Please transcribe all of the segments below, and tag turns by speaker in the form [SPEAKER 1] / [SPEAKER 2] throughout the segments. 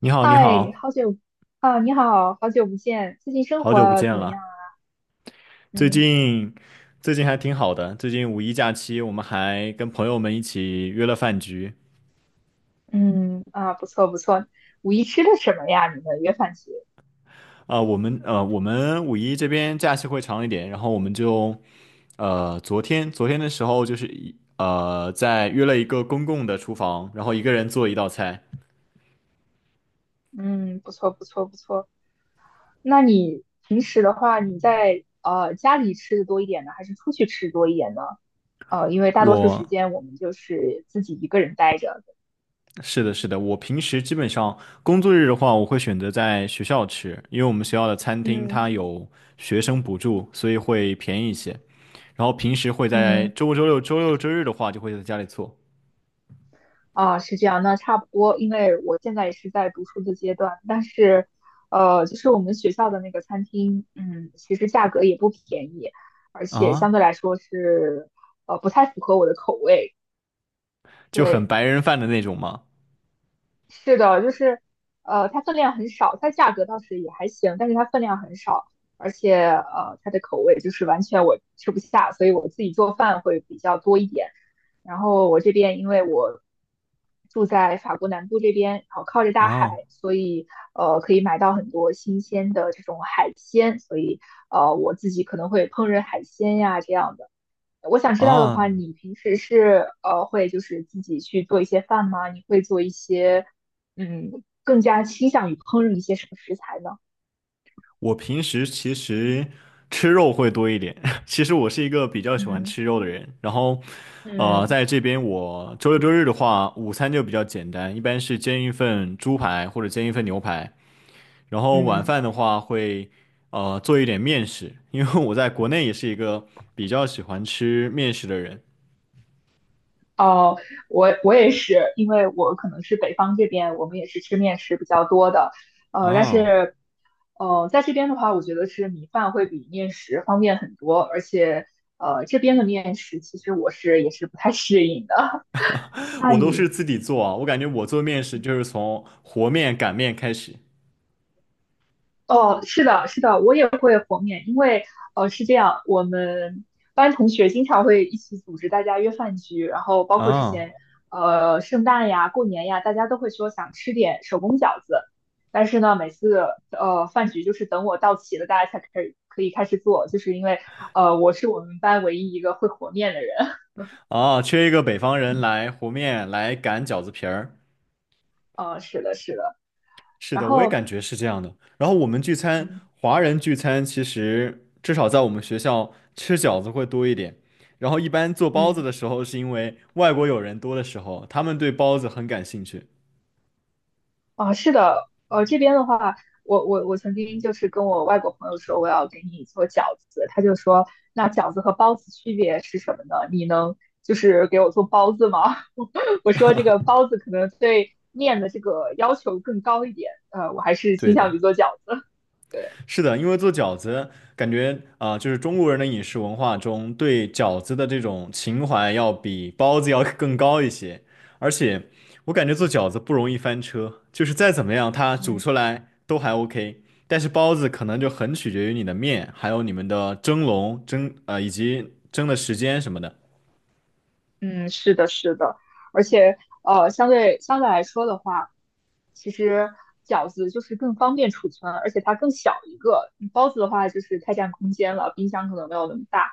[SPEAKER 1] 你好，你
[SPEAKER 2] 嗨，
[SPEAKER 1] 好，
[SPEAKER 2] 好久啊，你好，好久不见，最近生
[SPEAKER 1] 好久不
[SPEAKER 2] 活
[SPEAKER 1] 见
[SPEAKER 2] 怎么样
[SPEAKER 1] 了。
[SPEAKER 2] 啊？
[SPEAKER 1] 最
[SPEAKER 2] 嗯
[SPEAKER 1] 近最近还挺好的。最近五一假期，我们还跟朋友们一起约了饭局。
[SPEAKER 2] 嗯啊，不错不错。五一吃的什么呀？你们约饭局？
[SPEAKER 1] 啊、我们五一这边假期会长一点，然后我们就呃，昨天的时候就是一呃，在约了一个公共的厨房，然后一个人做一道菜。
[SPEAKER 2] 嗯，不错不错不错。那你平时的话，你在家里吃的多一点呢，还是出去吃多一点呢？因为大
[SPEAKER 1] 我
[SPEAKER 2] 多数时间我们就是自己一个人待着。
[SPEAKER 1] 是的，是的，我平时基本上工作日的话，我会选择在学校吃，因为我们学校的餐厅它
[SPEAKER 2] 嗯
[SPEAKER 1] 有学生补助，所以会便宜一些。然后平时会在
[SPEAKER 2] 嗯，
[SPEAKER 1] 周五、周六、周六、周日的话，就会在家里做。
[SPEAKER 2] 啊，是这样，那差不多，因为我现在也是在读书的阶段，但是，就是我们学校的那个餐厅，其实价格也不便宜，而且相
[SPEAKER 1] 啊，
[SPEAKER 2] 对来说是，不太符合我的口味。
[SPEAKER 1] 就很
[SPEAKER 2] 对，
[SPEAKER 1] 白人饭的那种嘛。
[SPEAKER 2] 是的，就是它分量很少，它价格倒是也还行，但是它分量很少，而且它的口味就是完全我吃不下，所以我自己做饭会比较多一点。然后我这边因为我住在法国南部这边，然后靠着大海，
[SPEAKER 1] 啊，
[SPEAKER 2] 所以可以买到很多新鲜的这种海鲜，所以我自己可能会烹饪海鲜呀这样的。我想知道的
[SPEAKER 1] 啊！
[SPEAKER 2] 话，你平时是会就是自己去做一些饭吗？你会做一些更加倾向于烹饪一些什么食材呢？
[SPEAKER 1] 我平时其实吃肉会多一点，其实我是一个比较喜欢
[SPEAKER 2] 嗯
[SPEAKER 1] 吃肉的人。然后，
[SPEAKER 2] 嗯
[SPEAKER 1] 在这边我周六周日的话，午餐就比较简单，一般是煎一份猪排或者煎一份牛排。然后晚
[SPEAKER 2] 嗯
[SPEAKER 1] 饭的话会，做一点面食，因为我在国内也是一个比较喜欢吃面食的人。
[SPEAKER 2] 哦，我也是，因为我可能是北方这边，我们也是吃面食比较多的，但
[SPEAKER 1] 哦，
[SPEAKER 2] 是在这边的话，我觉得是米饭会比面食方便很多，而且这边的面食其实我是也是不太适应的。那
[SPEAKER 1] 我都是
[SPEAKER 2] 你
[SPEAKER 1] 自己做啊，我感觉我做面食就是从和面、擀面开始。
[SPEAKER 2] 哦，是的，是的，我也会和面，因为是这样，我们班同学经常会一起组织大家约饭局，然后包括之
[SPEAKER 1] 啊，
[SPEAKER 2] 前圣诞呀、过年呀，大家都会说想吃点手工饺子，但是呢，每次饭局就是等我到齐了，大家才开始可以开始做，就是因为我是我们班唯一一个会和面的人，
[SPEAKER 1] 啊，缺一个北方人来和面，来擀饺子皮儿。
[SPEAKER 2] 是的，是的，
[SPEAKER 1] 是
[SPEAKER 2] 然
[SPEAKER 1] 的，我也
[SPEAKER 2] 后
[SPEAKER 1] 感觉是这样的。然后我们聚餐，
[SPEAKER 2] 嗯
[SPEAKER 1] 华人聚餐其实至少在我们学校吃饺子会多一点。然后一般做包子
[SPEAKER 2] 嗯。
[SPEAKER 1] 的时候，是因为外国友人多的时候，他们对包子很感兴趣。
[SPEAKER 2] 啊，是的，这边的话，我曾经就是跟我外国朋友说我要给你做饺子，他就说那饺子和包子区别是什么呢？你能就是给我做包子吗？我说这个包子可能对面的这个要求更高一点，我还是倾
[SPEAKER 1] 对的。
[SPEAKER 2] 向于做饺子。对，
[SPEAKER 1] 是的，因为做饺子，感觉啊、就是中国人的饮食文化中对饺子的这种情怀要比包子要更高一些。而且，我感觉做饺子不容易翻车，就是再怎么样，它煮
[SPEAKER 2] 嗯。
[SPEAKER 1] 出来都还 OK。但是包子可能就很取决于你的面，还有你们的蒸笼、蒸啊，以及蒸的时间什么的。
[SPEAKER 2] 嗯，是的，是的，而且相对来说的话，其实饺子就是更方便储存，而且它更小一个。包子的话就是太占空间了，冰箱可能没有那么大。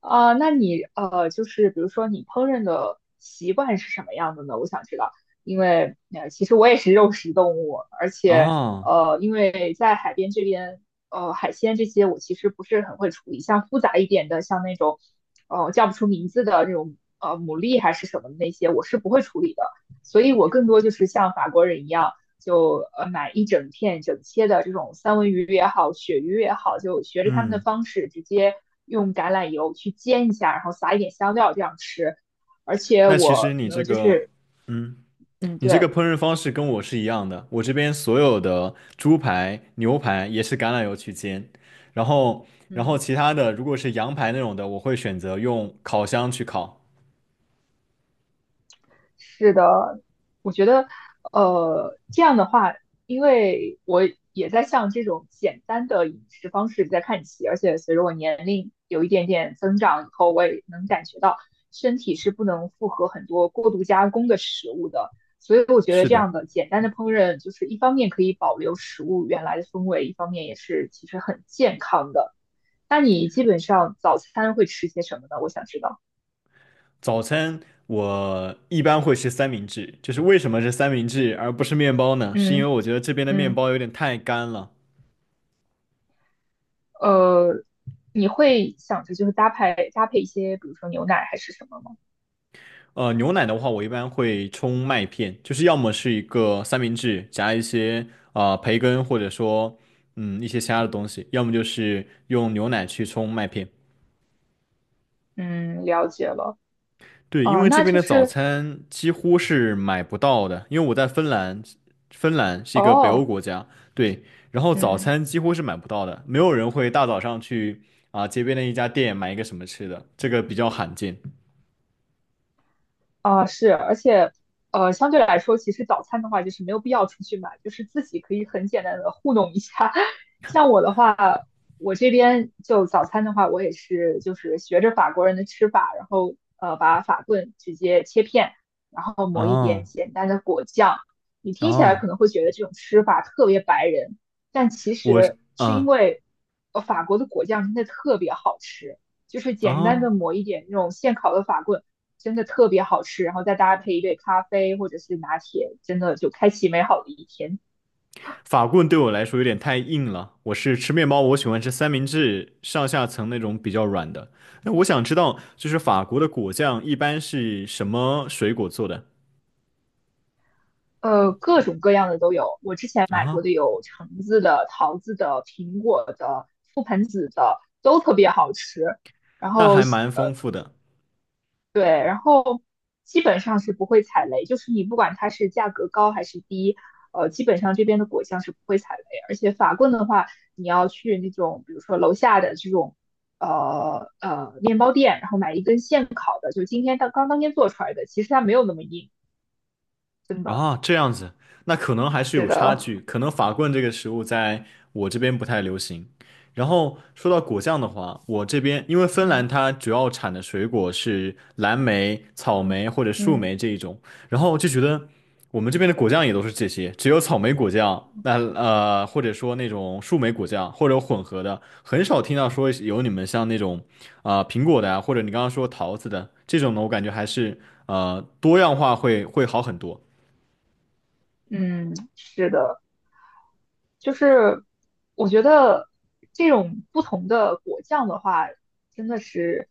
[SPEAKER 2] 啊、那你就是比如说你烹饪的习惯是什么样的呢？我想知道，因为其实我也是肉食动物，而且
[SPEAKER 1] 哦，
[SPEAKER 2] 因为在海边这边，海鲜这些我其实不是很会处理，像复杂一点的，像那种。叫不出名字的这种牡蛎还是什么的那些，我是不会处理的。所以我更多就是像法国人一样，就买一整片整切的这种三文鱼也好，鳕鱼也好，就学着他们的
[SPEAKER 1] 嗯，
[SPEAKER 2] 方式，直接用橄榄油去煎一下，然后撒一点香料这样吃。而且
[SPEAKER 1] 那其实
[SPEAKER 2] 我
[SPEAKER 1] 你
[SPEAKER 2] 可
[SPEAKER 1] 这
[SPEAKER 2] 能就
[SPEAKER 1] 个，
[SPEAKER 2] 是
[SPEAKER 1] 嗯。
[SPEAKER 2] 嗯
[SPEAKER 1] 你这个
[SPEAKER 2] 对
[SPEAKER 1] 烹饪方式跟我是一样的，我这边所有的猪排、牛排也是橄榄油去煎，然后，然后
[SPEAKER 2] 嗯。
[SPEAKER 1] 其他的如果是羊排那种的，我会选择用烤箱去烤。
[SPEAKER 2] 是的，我觉得，这样的话，因为我也在向这种简单的饮食方式在看齐，而且随着我年龄有一点点增长以后，我也能感觉到身体是不能负荷很多过度加工的食物的，所以我觉得
[SPEAKER 1] 是
[SPEAKER 2] 这
[SPEAKER 1] 的，
[SPEAKER 2] 样的简单的烹饪，就是一方面可以保留食物原来的风味，一方面也是其实很健康的。那你基本上早餐会吃些什么呢？我想知道。
[SPEAKER 1] 早餐我一般会吃三明治，就是为什么是三明治而不是面包呢？是因为
[SPEAKER 2] 嗯
[SPEAKER 1] 我觉得这边的面
[SPEAKER 2] 嗯。
[SPEAKER 1] 包有点太干了。
[SPEAKER 2] 呃，你会想着就是搭配搭配一些，比如说牛奶还是什么吗？
[SPEAKER 1] 牛奶的话，我一般会冲麦片，就是要么是一个三明治夹一些培根，或者说嗯一些其他的东西，要么就是用牛奶去冲麦片。
[SPEAKER 2] 嗯，了解了。
[SPEAKER 1] 对，因
[SPEAKER 2] 哦，
[SPEAKER 1] 为这
[SPEAKER 2] 那
[SPEAKER 1] 边
[SPEAKER 2] 就
[SPEAKER 1] 的早
[SPEAKER 2] 是
[SPEAKER 1] 餐几乎是买不到的，因为我在芬兰，芬兰是一个北欧
[SPEAKER 2] 哦，
[SPEAKER 1] 国家，对，然后早
[SPEAKER 2] 嗯。
[SPEAKER 1] 餐几乎是买不到的，没有人会大早上去啊、街边的一家店买一个什么吃的，这个比较罕见。
[SPEAKER 2] 啊，是，而且，相对来说，其实早餐的话，就是没有必要出去买，就是自己可以很简单的糊弄一下。像我的话，我这边就早餐的话，我也是就是学着法国人的吃法，然后把法棍直接切片，然后抹一点
[SPEAKER 1] 哦，
[SPEAKER 2] 简单的果酱。你听起来可
[SPEAKER 1] 哦，
[SPEAKER 2] 能会觉得这种吃法特别白人，但其
[SPEAKER 1] 我是
[SPEAKER 2] 实是因
[SPEAKER 1] 嗯
[SPEAKER 2] 为，法国的果酱真的特别好吃，就是简单的
[SPEAKER 1] 啊。
[SPEAKER 2] 抹一点那种现烤的法棍。真的特别好吃，然后再搭配一杯咖啡或者是拿铁，真的就开启美好的一天。
[SPEAKER 1] 法棍对我来说有点太硬了。我是吃面包，我喜欢吃三明治上下层那种比较软的。那我想知道，就是法国的果酱一般是什么水果做的
[SPEAKER 2] 各种各样的都有，我之前买
[SPEAKER 1] 啊？
[SPEAKER 2] 过的有橙子的、桃子的、苹果的、覆盆子的，都特别好吃。然
[SPEAKER 1] 那
[SPEAKER 2] 后，
[SPEAKER 1] 还蛮
[SPEAKER 2] 呃，
[SPEAKER 1] 丰富的。
[SPEAKER 2] 对，然后基本上是不会踩雷，就是你不管它是价格高还是低，基本上这边的果酱是不会踩雷。而且法棍的话，你要去那种比如说楼下的这种面包店，然后买一根现烤的，就今天当天做出来的，其实它没有那么硬，真的。
[SPEAKER 1] 啊，这样子，那可能还是
[SPEAKER 2] 是
[SPEAKER 1] 有差
[SPEAKER 2] 的，
[SPEAKER 1] 距，可能法棍这个食物在我这边不太流行。然后说到果酱的话，我这边因为芬兰
[SPEAKER 2] 嗯
[SPEAKER 1] 它主要产的水果是蓝莓、草
[SPEAKER 2] 嗯
[SPEAKER 1] 莓或者树
[SPEAKER 2] 嗯
[SPEAKER 1] 莓这一种，然后就觉得我们这边的果酱也都是这些，只有草莓果酱，那或者说那种树莓果酱或者混合的，很少听到说有你们像那种啊、苹果的啊，或者你刚刚说桃子的这种呢，我感觉还是多样化会好很多。
[SPEAKER 2] 嗯，是的。就是我觉得这种不同的果酱的话，真的是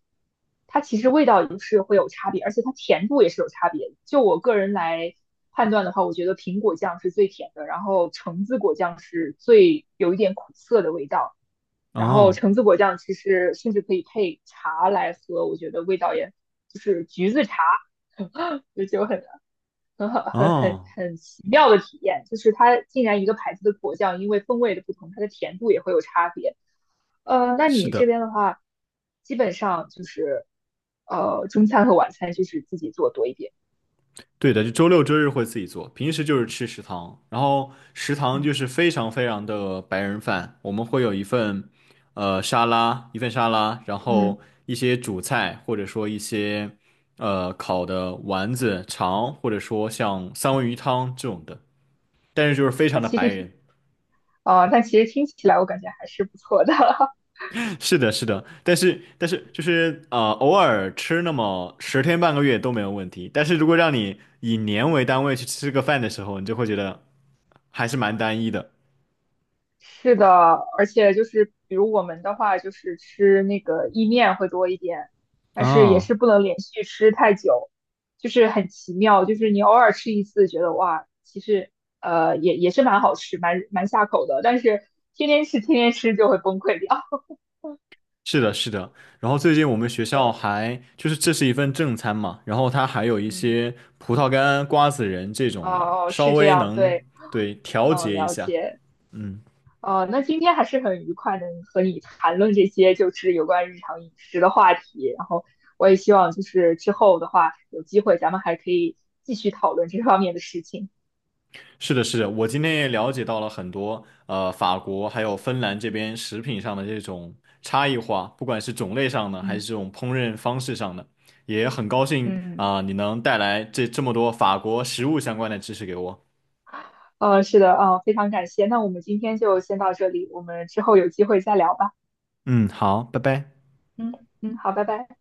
[SPEAKER 2] 它其实味道也是会有差别，而且它甜度也是有差别的就我个人来判断的话，我觉得苹果酱是最甜的，然后橙子果酱是最有一点苦涩的味道，然后
[SPEAKER 1] 哦，
[SPEAKER 2] 橙子果酱其实甚至可以配茶来喝，我觉得味道也就是橘子茶，就就很很好，很很
[SPEAKER 1] 哦，
[SPEAKER 2] 很奇妙的体验，就是它竟然一个牌子的果酱，因为风味的不同，它的甜度也会有差别。那
[SPEAKER 1] 是
[SPEAKER 2] 你这
[SPEAKER 1] 的，
[SPEAKER 2] 边的话，基本上就是中餐和晚餐就是自己做多一点。
[SPEAKER 1] 对的，就周六周日会自己做，平时就是吃食堂，然后食堂
[SPEAKER 2] 嗯
[SPEAKER 1] 就是非常非常的白人饭，我们会有一份沙拉，一份沙拉，然
[SPEAKER 2] 嗯，
[SPEAKER 1] 后一些主菜，或者说一些烤的丸子、肠，或者说像三文鱼汤这种的，但是就是非常
[SPEAKER 2] 但
[SPEAKER 1] 的
[SPEAKER 2] 其实
[SPEAKER 1] 白
[SPEAKER 2] 听
[SPEAKER 1] 人。
[SPEAKER 2] 但其实听起来我感觉还是不错的。
[SPEAKER 1] 是的，是的，但是就是偶尔吃那么十天半个月都没有问题。但是如果让你以年为单位去吃个饭的时候，你就会觉得还是蛮单一的。
[SPEAKER 2] 是的，而且就是比如我们的话，就是吃那个意面会多一点，但是也
[SPEAKER 1] 啊，
[SPEAKER 2] 是不能连续吃太久，就是很奇妙，就是你偶尔吃一次，觉得哇，其实也是蛮好吃，蛮下口的，但是天天吃天天吃就会崩溃掉。
[SPEAKER 1] 是的，是的。然后最近我们学 校
[SPEAKER 2] 对，
[SPEAKER 1] 还就是这是一份正餐嘛，然后它还有一
[SPEAKER 2] 嗯，
[SPEAKER 1] 些葡萄干、瓜子仁这种的，
[SPEAKER 2] 哦，
[SPEAKER 1] 稍
[SPEAKER 2] 是这
[SPEAKER 1] 微
[SPEAKER 2] 样，
[SPEAKER 1] 能
[SPEAKER 2] 对，
[SPEAKER 1] 对调
[SPEAKER 2] 嗯，
[SPEAKER 1] 节一
[SPEAKER 2] 了
[SPEAKER 1] 下。
[SPEAKER 2] 解。
[SPEAKER 1] 嗯。
[SPEAKER 2] 哦，那今天还是很愉快，能和你谈论这些就是有关日常饮食的话题。然后我也希望就是之后的话，有机会咱们还可以继续讨论这方面的事情。
[SPEAKER 1] 是的，是的，我今天也了解到了很多，法国还有芬兰这边食品上的这种差异化，不管是种类上的，还是
[SPEAKER 2] 嗯
[SPEAKER 1] 这种烹饪方式上的，也很高兴
[SPEAKER 2] 嗯，
[SPEAKER 1] 啊，你能带来这么多法国食物相关的知识给我。
[SPEAKER 2] 是的，非常感谢。那我们今天就先到这里，我们之后有机会再聊吧。
[SPEAKER 1] 嗯，好，拜拜。
[SPEAKER 2] 嗯嗯，好，拜拜。